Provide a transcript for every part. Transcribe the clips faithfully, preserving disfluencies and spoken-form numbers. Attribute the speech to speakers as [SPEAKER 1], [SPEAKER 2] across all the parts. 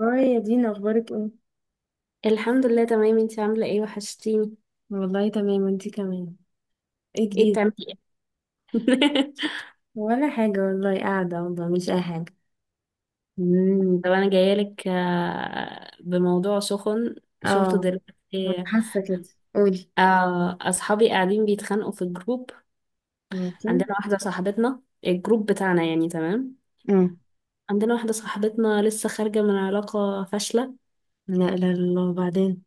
[SPEAKER 1] هاي يا دينا، اخبارك ايه؟
[SPEAKER 2] الحمد لله تمام. انتي عاملة ايه؟ وحشتيني.
[SPEAKER 1] والله تمام، وانتي كمان. ايه
[SPEAKER 2] ايه
[SPEAKER 1] جديد؟
[SPEAKER 2] بتعملي ايه؟
[SPEAKER 1] ولا حاجه والله، قاعده والله، مش اي حاجه.
[SPEAKER 2] مم، طب انا جايلك آه، بموضوع سخن. شفته
[SPEAKER 1] اه،
[SPEAKER 2] دلوقتي؟
[SPEAKER 1] حاسه كده. قولي.
[SPEAKER 2] آه، اصحابي قاعدين بيتخانقوا في الجروب.
[SPEAKER 1] ماشي.
[SPEAKER 2] عندنا واحدة صاحبتنا، الجروب بتاعنا يعني تمام.
[SPEAKER 1] امم
[SPEAKER 2] عندنا واحدة صاحبتنا لسه خارجة من علاقة فاشلة.
[SPEAKER 1] لا لا لا، وبعدين.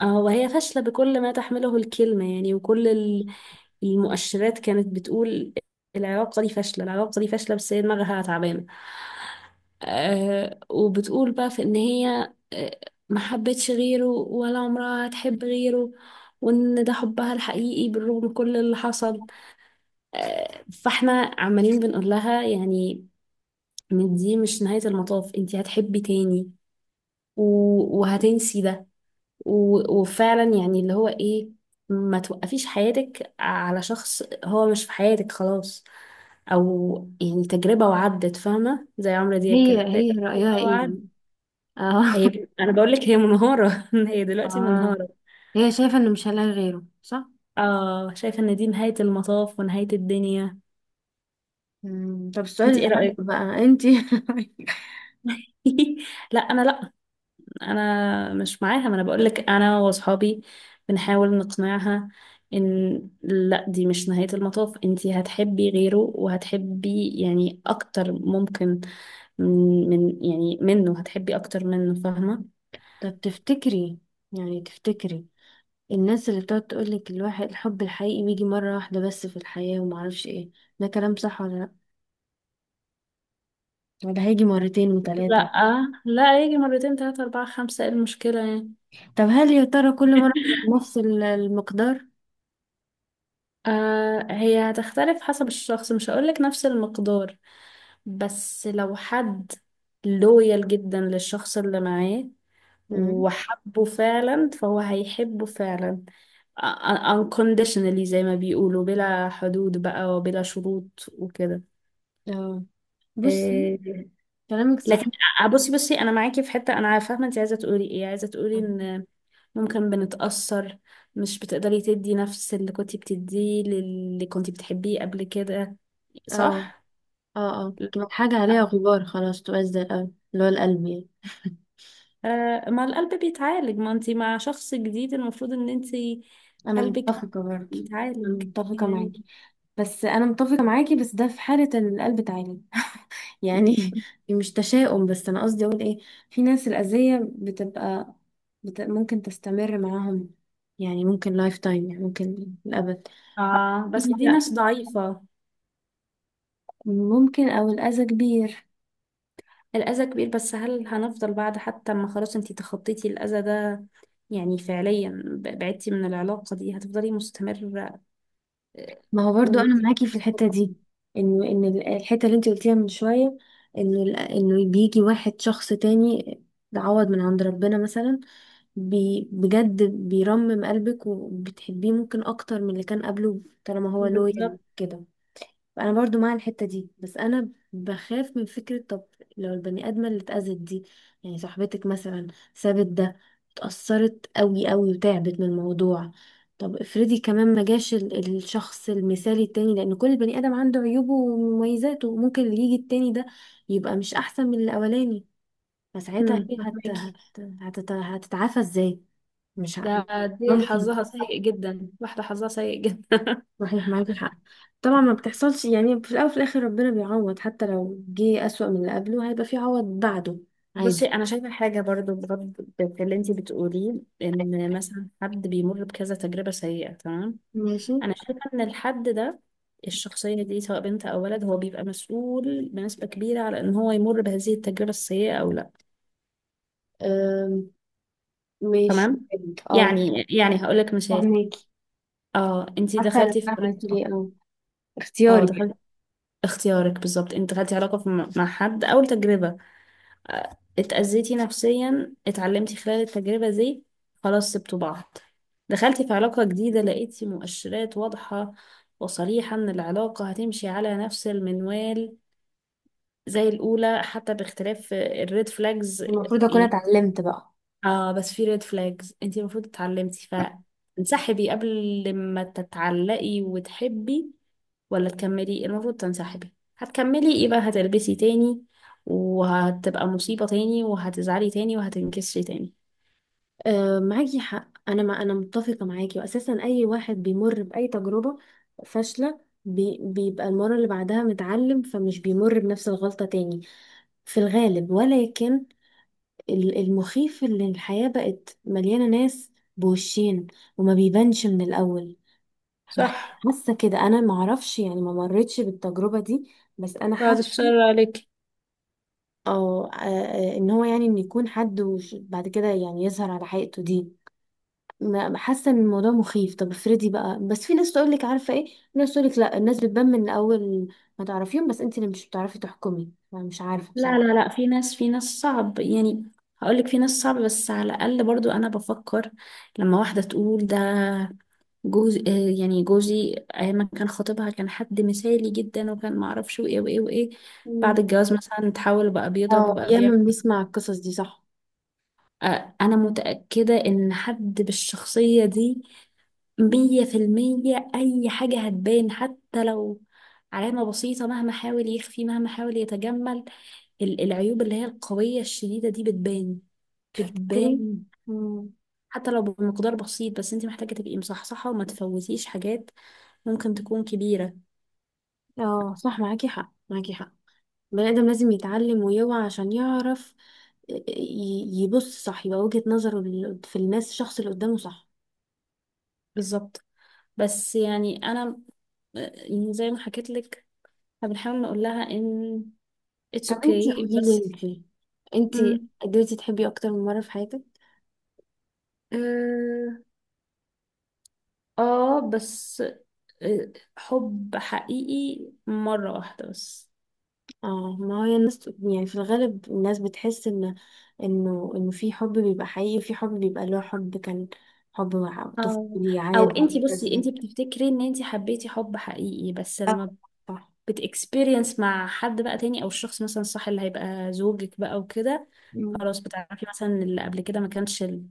[SPEAKER 2] اه، وهي فاشلة بكل ما تحمله الكلمة يعني، وكل ال- المؤشرات كانت بتقول العلاقة دي فاشلة، العلاقة دي فاشلة، بس هي دماغها تعبانة. آه، وبتقول بقى في ان هي آه ما حبتش غيره ولا عمرها هتحب غيره، وان ده حبها الحقيقي بالرغم من كل اللي حصل. آه فاحنا عمالين بنقول لها يعني إن دي مش نهاية المطاف، انتي هتحبي تاني و- وهتنسي ده، و- وفعلا يعني اللي هو ايه، ما توقفيش حياتك على شخص هو مش في حياتك خلاص. او يعني تجربة وعدت، فاهمة؟ زي عمرو دياب
[SPEAKER 1] هي
[SPEAKER 2] كده،
[SPEAKER 1] هي
[SPEAKER 2] تجربة
[SPEAKER 1] رأيها
[SPEAKER 2] وعدت.
[SPEAKER 1] ايه؟ اه.
[SPEAKER 2] هي انا بقول لك هي منهارة هي دلوقتي
[SPEAKER 1] اه،
[SPEAKER 2] منهارة.
[SPEAKER 1] هي شايفة انه مش هلاقي غيره، صح؟
[SPEAKER 2] اه، شايفة ان دي نهاية المطاف ونهاية الدنيا.
[SPEAKER 1] أمم، طب السؤال
[SPEAKER 2] انت ايه
[SPEAKER 1] الاهم
[SPEAKER 2] رأيك؟
[SPEAKER 1] بقى. انتي؟
[SPEAKER 2] لا، انا لا. انا مش معاها، ما انا بقولك، انا واصحابي بنحاول نقنعها ان لا، دي مش نهاية المطاف، انتي هتحبي غيره وهتحبي يعني اكتر، ممكن من, من يعني منه، هتحبي اكتر منه، فاهمة؟
[SPEAKER 1] طب تفتكري يعني تفتكري الناس اللي بتقعد تقولك الواحد الحب الحقيقي بيجي مرة واحدة بس في الحياة ومعرفش ايه، ده كلام صح ولا لأ؟ وده هيجي مرتين وتلاتة.
[SPEAKER 2] لا لا، يجي مرتين تلاتة اربعة خمسة، ايه المشكلة يعني؟
[SPEAKER 1] طب هل يا ترى كل مرة بيبقى نفس ال- المقدار؟
[SPEAKER 2] آه هي هتختلف حسب الشخص، مش هقولك نفس المقدار. بس لو حد لويال جدا للشخص اللي معاه
[SPEAKER 1] مم.
[SPEAKER 2] وحبه فعلا فهو هيحبه فعلا أ- أ- unconditionally زي ما بيقولوا، بلا حدود بقى وبلا شروط وكده.
[SPEAKER 1] اه، بصي،
[SPEAKER 2] إيه،
[SPEAKER 1] كلامك
[SPEAKER 2] لكن
[SPEAKER 1] صح.
[SPEAKER 2] أ- بصي بصي، انا معاكي في حتة. انا فاهمة انت عايزة تقولي ايه، عايزة تقولي
[SPEAKER 1] اه،
[SPEAKER 2] ان ممكن بنتأثر، مش بتقدري تدي نفس اللي كنت بتديه للي كنت بتحبيه قبل كده،
[SPEAKER 1] اه،
[SPEAKER 2] صح؟
[SPEAKER 1] اه، تبقى حاجة عليها
[SPEAKER 2] لا.
[SPEAKER 1] غبار، خلاص، تبقى زي القلب اللي هو القلب يعني.
[SPEAKER 2] آه ما القلب بيتعالج، ما انت مع شخص جديد المفروض ان انت
[SPEAKER 1] أنا
[SPEAKER 2] قلبك
[SPEAKER 1] متفقة برضه. أنا
[SPEAKER 2] بيتعالج
[SPEAKER 1] متفقة
[SPEAKER 2] يعني.
[SPEAKER 1] معاكي. بس أنا متفقة معاكي، بس ده في حالة إن القلب اتعالج. يعني مش تشاؤم، بس أنا قصدي أقول إيه؟ في ناس الأذية بتبقى بت... ممكن تستمر معاهم، يعني ممكن لايف تايم، يعني ممكن للأبد.
[SPEAKER 2] اه، بس دي
[SPEAKER 1] لا،
[SPEAKER 2] ناس ضعيفة.
[SPEAKER 1] ممكن، او الاذى كبير.
[SPEAKER 2] الأذى كبير، بس هل هنفضل بعد، حتى ما خلاص انتي تخطيتي الأذى ده، يعني فعليا ب- بعدتي من العلاقة دي، هتفضلي مستمرة؟ آه،
[SPEAKER 1] ما هو برضو انا
[SPEAKER 2] وانتي
[SPEAKER 1] معاكي في الحته دي، انه ان ال- الحته اللي انت قلتيها من شويه، انه ال- انه بيجي واحد شخص تاني، تعوض من عند ربنا مثلا، بي بجد بيرمم قلبك وبتحبيه ممكن اكتر من اللي كان قبله طالما هو لويال
[SPEAKER 2] بالظبط.
[SPEAKER 1] كده. انا برضو مع الحتة دي، بس انا بخاف من فكرة: طب لو البني ادمة اللي اتأذت دي، يعني صاحبتك مثلا، سابت ده، اتأثرت قوي قوي وتعبت من الموضوع، طب افرضي كمان ما جاش ال- الشخص المثالي التاني، لان كل بني ادم عنده عيوبه ومميزاته، ممكن اللي يجي التاني ده يبقى مش احسن من الاولاني، فساعتها
[SPEAKER 2] مم،
[SPEAKER 1] هي هت... هت...
[SPEAKER 2] فهماكي.
[SPEAKER 1] هتت... هتتعافى ازاي؟ مش
[SPEAKER 2] ده
[SPEAKER 1] عارفة.
[SPEAKER 2] دي
[SPEAKER 1] مخيف.
[SPEAKER 2] حظها سيء جدا، واحدة حظها سيء جدا.
[SPEAKER 1] صحيح، معاكي حق. طبعا ما بتحصلش يعني، في الاول وفي الاخر ربنا بيعوض، حتى لو جه اسوأ من اللي قبله هيبقى في عوض بعده.
[SPEAKER 2] بصي،
[SPEAKER 1] عادي.
[SPEAKER 2] أنا شايفة حاجة برضو بغض في اللي انتي بتقوليه. إن مثلا حد بيمر بكذا تجربة سيئة، تمام.
[SPEAKER 1] ماشي.
[SPEAKER 2] انا شايفه ان الحد ده، الشخصيه دي سواء بنت او ولد، هو بيبقى مسؤول بنسبه كبيره على ان هو يمر بهذه التجربه السيئه او لا.
[SPEAKER 1] أم... ماشي.
[SPEAKER 2] تمام.
[SPEAKER 1] اه،
[SPEAKER 2] يعني يعني هقول لك مثال.
[SPEAKER 1] فهماكي.
[SPEAKER 2] اه، انتي
[SPEAKER 1] عارفه انا
[SPEAKER 2] دخلتي في
[SPEAKER 1] بقى عملت
[SPEAKER 2] علاقه.
[SPEAKER 1] ليه، اه
[SPEAKER 2] اه
[SPEAKER 1] اختياري يعني.
[SPEAKER 2] دخلتي، اختيارك بالظبط. انت دخلتي علاقه في- مع حد، اول تجربه، آه، اتأذيتي نفسيا، اتعلمتي خلال التجربه دي، خلاص سبتوا بعض. دخلتي في علاقه جديده، لقيتي مؤشرات واضحه وصريحه ان العلاقه هتمشي على نفس المنوال زي الأولى، حتى باختلاف الريد فلاجز
[SPEAKER 1] المفروض اكون
[SPEAKER 2] يعني.
[SPEAKER 1] اتعلمت بقى.
[SPEAKER 2] اه بس في ريد فلاجز انت المفروض اتعلمتي، فتنسحبي قبل ما تتعلقي وتحبي ولا تكملي. المفروض تنسحبي. هتكملي يبقى هتلبسي تاني، وهتبقى مصيبة تاني، وهتزعلي تاني، وهتنكسري تاني.
[SPEAKER 1] أه، معاكي حق. انا، ما انا متفقه معاكي، واساسا اي واحد بيمر باي تجربه فاشله بي... بيبقى المره اللي بعدها متعلم، فمش بيمر بنفس الغلطه تاني، في الغالب، ولكن ال- المخيف اللي الحياة بقت مليانة ناس بوشين وما بيبانش من الأول. بح-
[SPEAKER 2] صح.
[SPEAKER 1] حاسة كده أنا، معرفش يعني، ما مرتش بالتجربة دي، بس أنا
[SPEAKER 2] بعد
[SPEAKER 1] حاسة.
[SPEAKER 2] الشر عليك.
[SPEAKER 1] أو آه، آه، إن هو يعني إن يكون حد وش- بعد كده يعني يظهر على حقيقته دي. ما- حاسة إن الموضوع مخيف. طب افرضي بقى، بس في ناس تقولك عارفة إيه، في ناس تقولك لأ، الناس بتبان من الأول، ما تعرفيهم، بس أنت اللي مش بتعرفي تحكمي، أنا مش عارفة
[SPEAKER 2] لا
[SPEAKER 1] بصراحة.
[SPEAKER 2] لا لا، في ناس في ناس صعب يعني. هقولك في ناس صعب، بس على الأقل برضو أنا بفكر لما واحدة تقول ده جوز. آه، يعني جوزي ايام ما كان خاطبها كان حد مثالي جدا، وكان معرفش وايه وايه وايه. بعد
[SPEAKER 1] مم.
[SPEAKER 2] الجواز مثلا اتحول بقى بيضرب
[SPEAKER 1] اه،
[SPEAKER 2] وبقى بيعمل.
[SPEAKER 1] ياما بنسمع القصص دي، صح.
[SPEAKER 2] آه، انا متأكدة ان حد بالشخصية دي، مية في المية اي حاجة هتبان، حتى لو علامة بسيطة. مهما حاول يخفي مهما حاول يتجمل، ال- العيوب اللي هي القوية الشديدة دي بتبان.
[SPEAKER 1] تفتكري.
[SPEAKER 2] بتبان
[SPEAKER 1] مم.
[SPEAKER 2] حتى لو بمقدار بسيط، بس انت محتاجة تبقي مصحصحة وما تفوتيش حاجات ممكن تكون كبيرة.
[SPEAKER 1] اه، صح، معاكي حق، معاكي حق. البني آدم لازم يتعلم ويوعى عشان يعرف، آه، ي- يبص صح، يبقى وجهة نظره لل- في الناس، الشخص اللي قدامه صح.
[SPEAKER 2] بالظبط. بس يعني انا، يعني زي ما حكيت لك، احنا بنحاول نقول لها ان اتس
[SPEAKER 1] طب انتي
[SPEAKER 2] اوكي
[SPEAKER 1] قولي
[SPEAKER 2] okay، بس.
[SPEAKER 1] لي، انتي
[SPEAKER 2] مم.
[SPEAKER 1] قدرتي تحبي اكتر من مرة في حياتك؟
[SPEAKER 2] اه. آه، بس آه، حب حقيقي مرة واحدة بس.
[SPEAKER 1] اه، ما هي الناس يعني في الغالب الناس بتحس ان انه انه في حب بيبقى حقيقي وفي حب بيبقى اللي هو حب كان، حب مع-
[SPEAKER 2] اه.
[SPEAKER 1] طفولي
[SPEAKER 2] او
[SPEAKER 1] عاد،
[SPEAKER 2] انتي بصي،
[SPEAKER 1] وهكذا.
[SPEAKER 2] انتي بتفتكري ان انتي حبيتي حب حقيقي، بس
[SPEAKER 1] آه.
[SPEAKER 2] لما
[SPEAKER 1] صح.
[SPEAKER 2] بتكسبيرينس مع حد بقى تاني، او الشخص مثلا الصح اللي هيبقى زوجك بقى وكده،
[SPEAKER 1] مم.
[SPEAKER 2] خلاص بتعرفي مثلا إن اللي قبل كده ما كانش ال-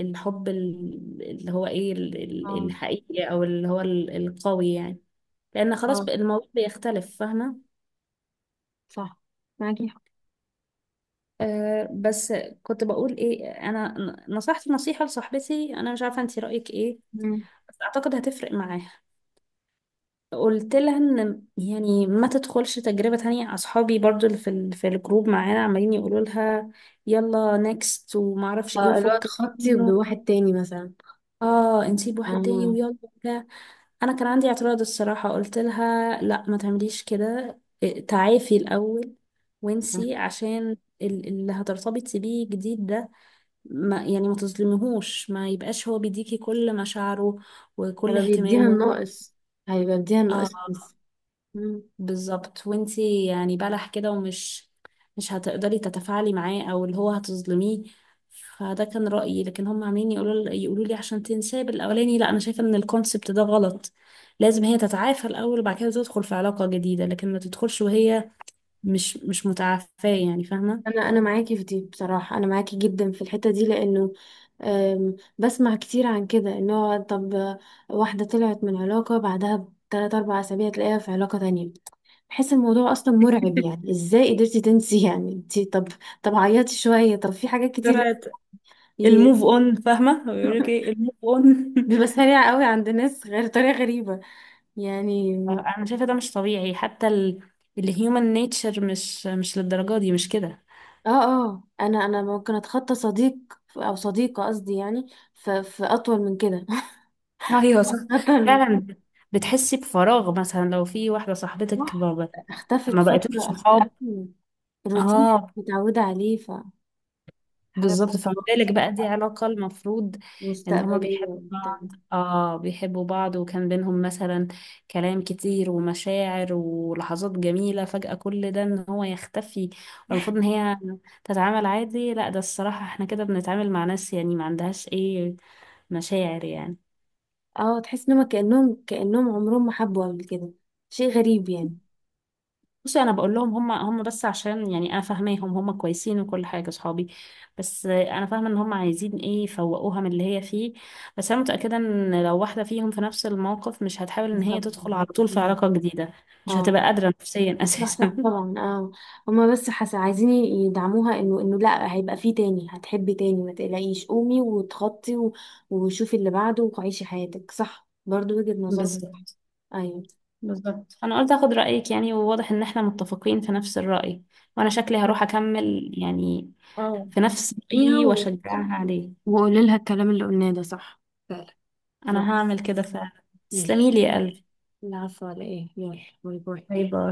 [SPEAKER 2] الحب، ال- اللي هو ايه، ال- ال-
[SPEAKER 1] اه.
[SPEAKER 2] الحقيقي او اللي هو ال- القوي يعني، لان خلاص
[SPEAKER 1] اه،
[SPEAKER 2] بقى الموضوع بيختلف، فاهمه؟
[SPEAKER 1] صح، معاكي
[SPEAKER 2] أه بس كنت بقول ايه انا. ن- نصحت نصيحه لصاحبتي، انا مش عارفه انت رايك ايه،
[SPEAKER 1] حق.
[SPEAKER 2] بس اعتقد هتفرق معاها. قلت لها ان يعني ما تدخلش تجربه تانية. اصحابي برضو اللي في ال- في الجروب معانا عمالين يقولوا لها يلا نكست وما اعرفش ايه
[SPEAKER 1] اه، اللي هو
[SPEAKER 2] وفكك
[SPEAKER 1] تخطي
[SPEAKER 2] منه.
[SPEAKER 1] بواحد تاني مثلا.
[SPEAKER 2] اه، نسيب واحد تاني
[SPEAKER 1] اه
[SPEAKER 2] ويلا وبتاع. انا كان عندي اعتراض الصراحة. قلت لها لا، ما تعمليش كده، إيه، تعافي الاول
[SPEAKER 1] صح.
[SPEAKER 2] وانسي، عشان ال- اللي هترتبطي بيه جديد ده، ما يعني ما تظلميهوش، ما يبقاش هو بيديكي كل مشاعره وكل
[SPEAKER 1] هيبقى بيديها
[SPEAKER 2] اهتمامه.
[SPEAKER 1] الناقص، هيبقى بيديها
[SPEAKER 2] اه.
[SPEAKER 1] الناقص بس. مم.
[SPEAKER 2] بالظبط، وانتي يعني بلح كده، ومش مش هتقدري تتفاعلي معاه، او اللي هو هتظلميه. فده كان رأيي، لكن هم عاملين يقولوا يقولوا لي عشان تنساه بالاولاني. لا، انا شايفه ان الكونسبت ده غلط. لازم هي تتعافى الاول وبعد كده تدخل في علاقه جديده، لكن ما تدخلش وهي مش مش متعافاه، يعني فاهمه؟
[SPEAKER 1] انا انا معاكي في دي بصراحه، انا معاكي جدا في الحته دي لانه أم، بسمع كتير عن كده، ان هو، طب آه، واحده طلعت من علاقه بعدها بتلات اربع اسابيع تلاقيها في علاقه تانية. بحس الموضوع اصلا مرعب، يعني ازاي قدرتي تنسي؟ يعني انتي، طب، طب عيطي شويه، طب في حاجات كتير، لا-
[SPEAKER 2] جرعة
[SPEAKER 1] ي-
[SPEAKER 2] الموف اون، فاهمه؟ بيقول لك ايه الموف اون
[SPEAKER 1] بيبقى سريع قوي عند ناس، غير طريقه غريبه يعني.
[SPEAKER 2] انا شايفه ده مش طبيعي. حتى ال... الهيومن نيتشر مش مش للدرجه دي، مش كده؟
[SPEAKER 1] اه، اه، انا انا ممكن اتخطى صديق او صديقة قصدي يعني، في, في اطول من كده.
[SPEAKER 2] ايوه صح،
[SPEAKER 1] اطول.
[SPEAKER 2] فعلا. بتحسي بفراغ مثلا لو في واحده صاحبتك
[SPEAKER 1] صح.
[SPEAKER 2] ما
[SPEAKER 1] اختفت
[SPEAKER 2] ما بقتوش
[SPEAKER 1] فترة،
[SPEAKER 2] صحاب.
[SPEAKER 1] اختفت. روتين
[SPEAKER 2] اه.
[SPEAKER 1] متعودة عليه، فحارب.
[SPEAKER 2] بالظبط. فما بالك بقى دي علاقه، المفروض ان هما
[SPEAKER 1] مستقبلية
[SPEAKER 2] بيحبوا
[SPEAKER 1] وبتاع.
[SPEAKER 2] بعض، اه بيحبوا بعض، وكان بينهم مثلا كلام كتير ومشاعر ولحظات جميله، فجاه كل ده ان هو يختفي، والمفروض ان هي تتعامل عادي؟ لا، ده الصراحه احنا كده بنتعامل مع ناس يعني ما عندهاش ايه مشاعر يعني.
[SPEAKER 1] اه، تحس انهم كأنهم كأنهم عمرهم ما حبوا قبل كده، شيء غريب يعني.
[SPEAKER 2] بصي، انا بقول لهم، هم هم بس عشان، يعني انا فاهماهم، هم كويسين وكل حاجه صحابي، بس انا فاهمه ان هم عايزين ايه يفوقوها من اللي هي فيه. بس انا متاكده ان لو واحده فيهم في نفس الموقف مش هتحاول ان هي
[SPEAKER 1] بالظبط.
[SPEAKER 2] تدخل على طول في
[SPEAKER 1] بالظبط.
[SPEAKER 2] علاقه جديده، مش
[SPEAKER 1] اه،
[SPEAKER 2] هتبقى قادره نفسيا
[SPEAKER 1] صح، صح،
[SPEAKER 2] اساسا.
[SPEAKER 1] طبعا، اه. هما بس حس عايزين يدعموها، انه انه لا، هيبقى فيه تاني، هتحبي تاني، ما تقلقيش، قومي وتخطي و- وشوفي اللي بعده، وعيشي حياتك، صح، برضو وجهة نظر.
[SPEAKER 2] بالظبط.
[SPEAKER 1] ايوه.
[SPEAKER 2] بالظبط. انا قلت اخد رايك يعني، وواضح ان احنا متفقين في نفس الراي، وانا شكلي هروح اكمل يعني
[SPEAKER 1] اه.
[SPEAKER 2] في نفس
[SPEAKER 1] ايه
[SPEAKER 2] رايي
[SPEAKER 1] هو.
[SPEAKER 2] واشجعها عليه.
[SPEAKER 1] وقولي لها الكلام اللي قلناه ده، صح فعلا.
[SPEAKER 2] انا هعمل كده فعلا. تسلمي
[SPEAKER 1] ماشي.
[SPEAKER 2] لي يا قلبي.
[SPEAKER 1] العفو على ايه، يلا، باي باي.
[SPEAKER 2] باي باي.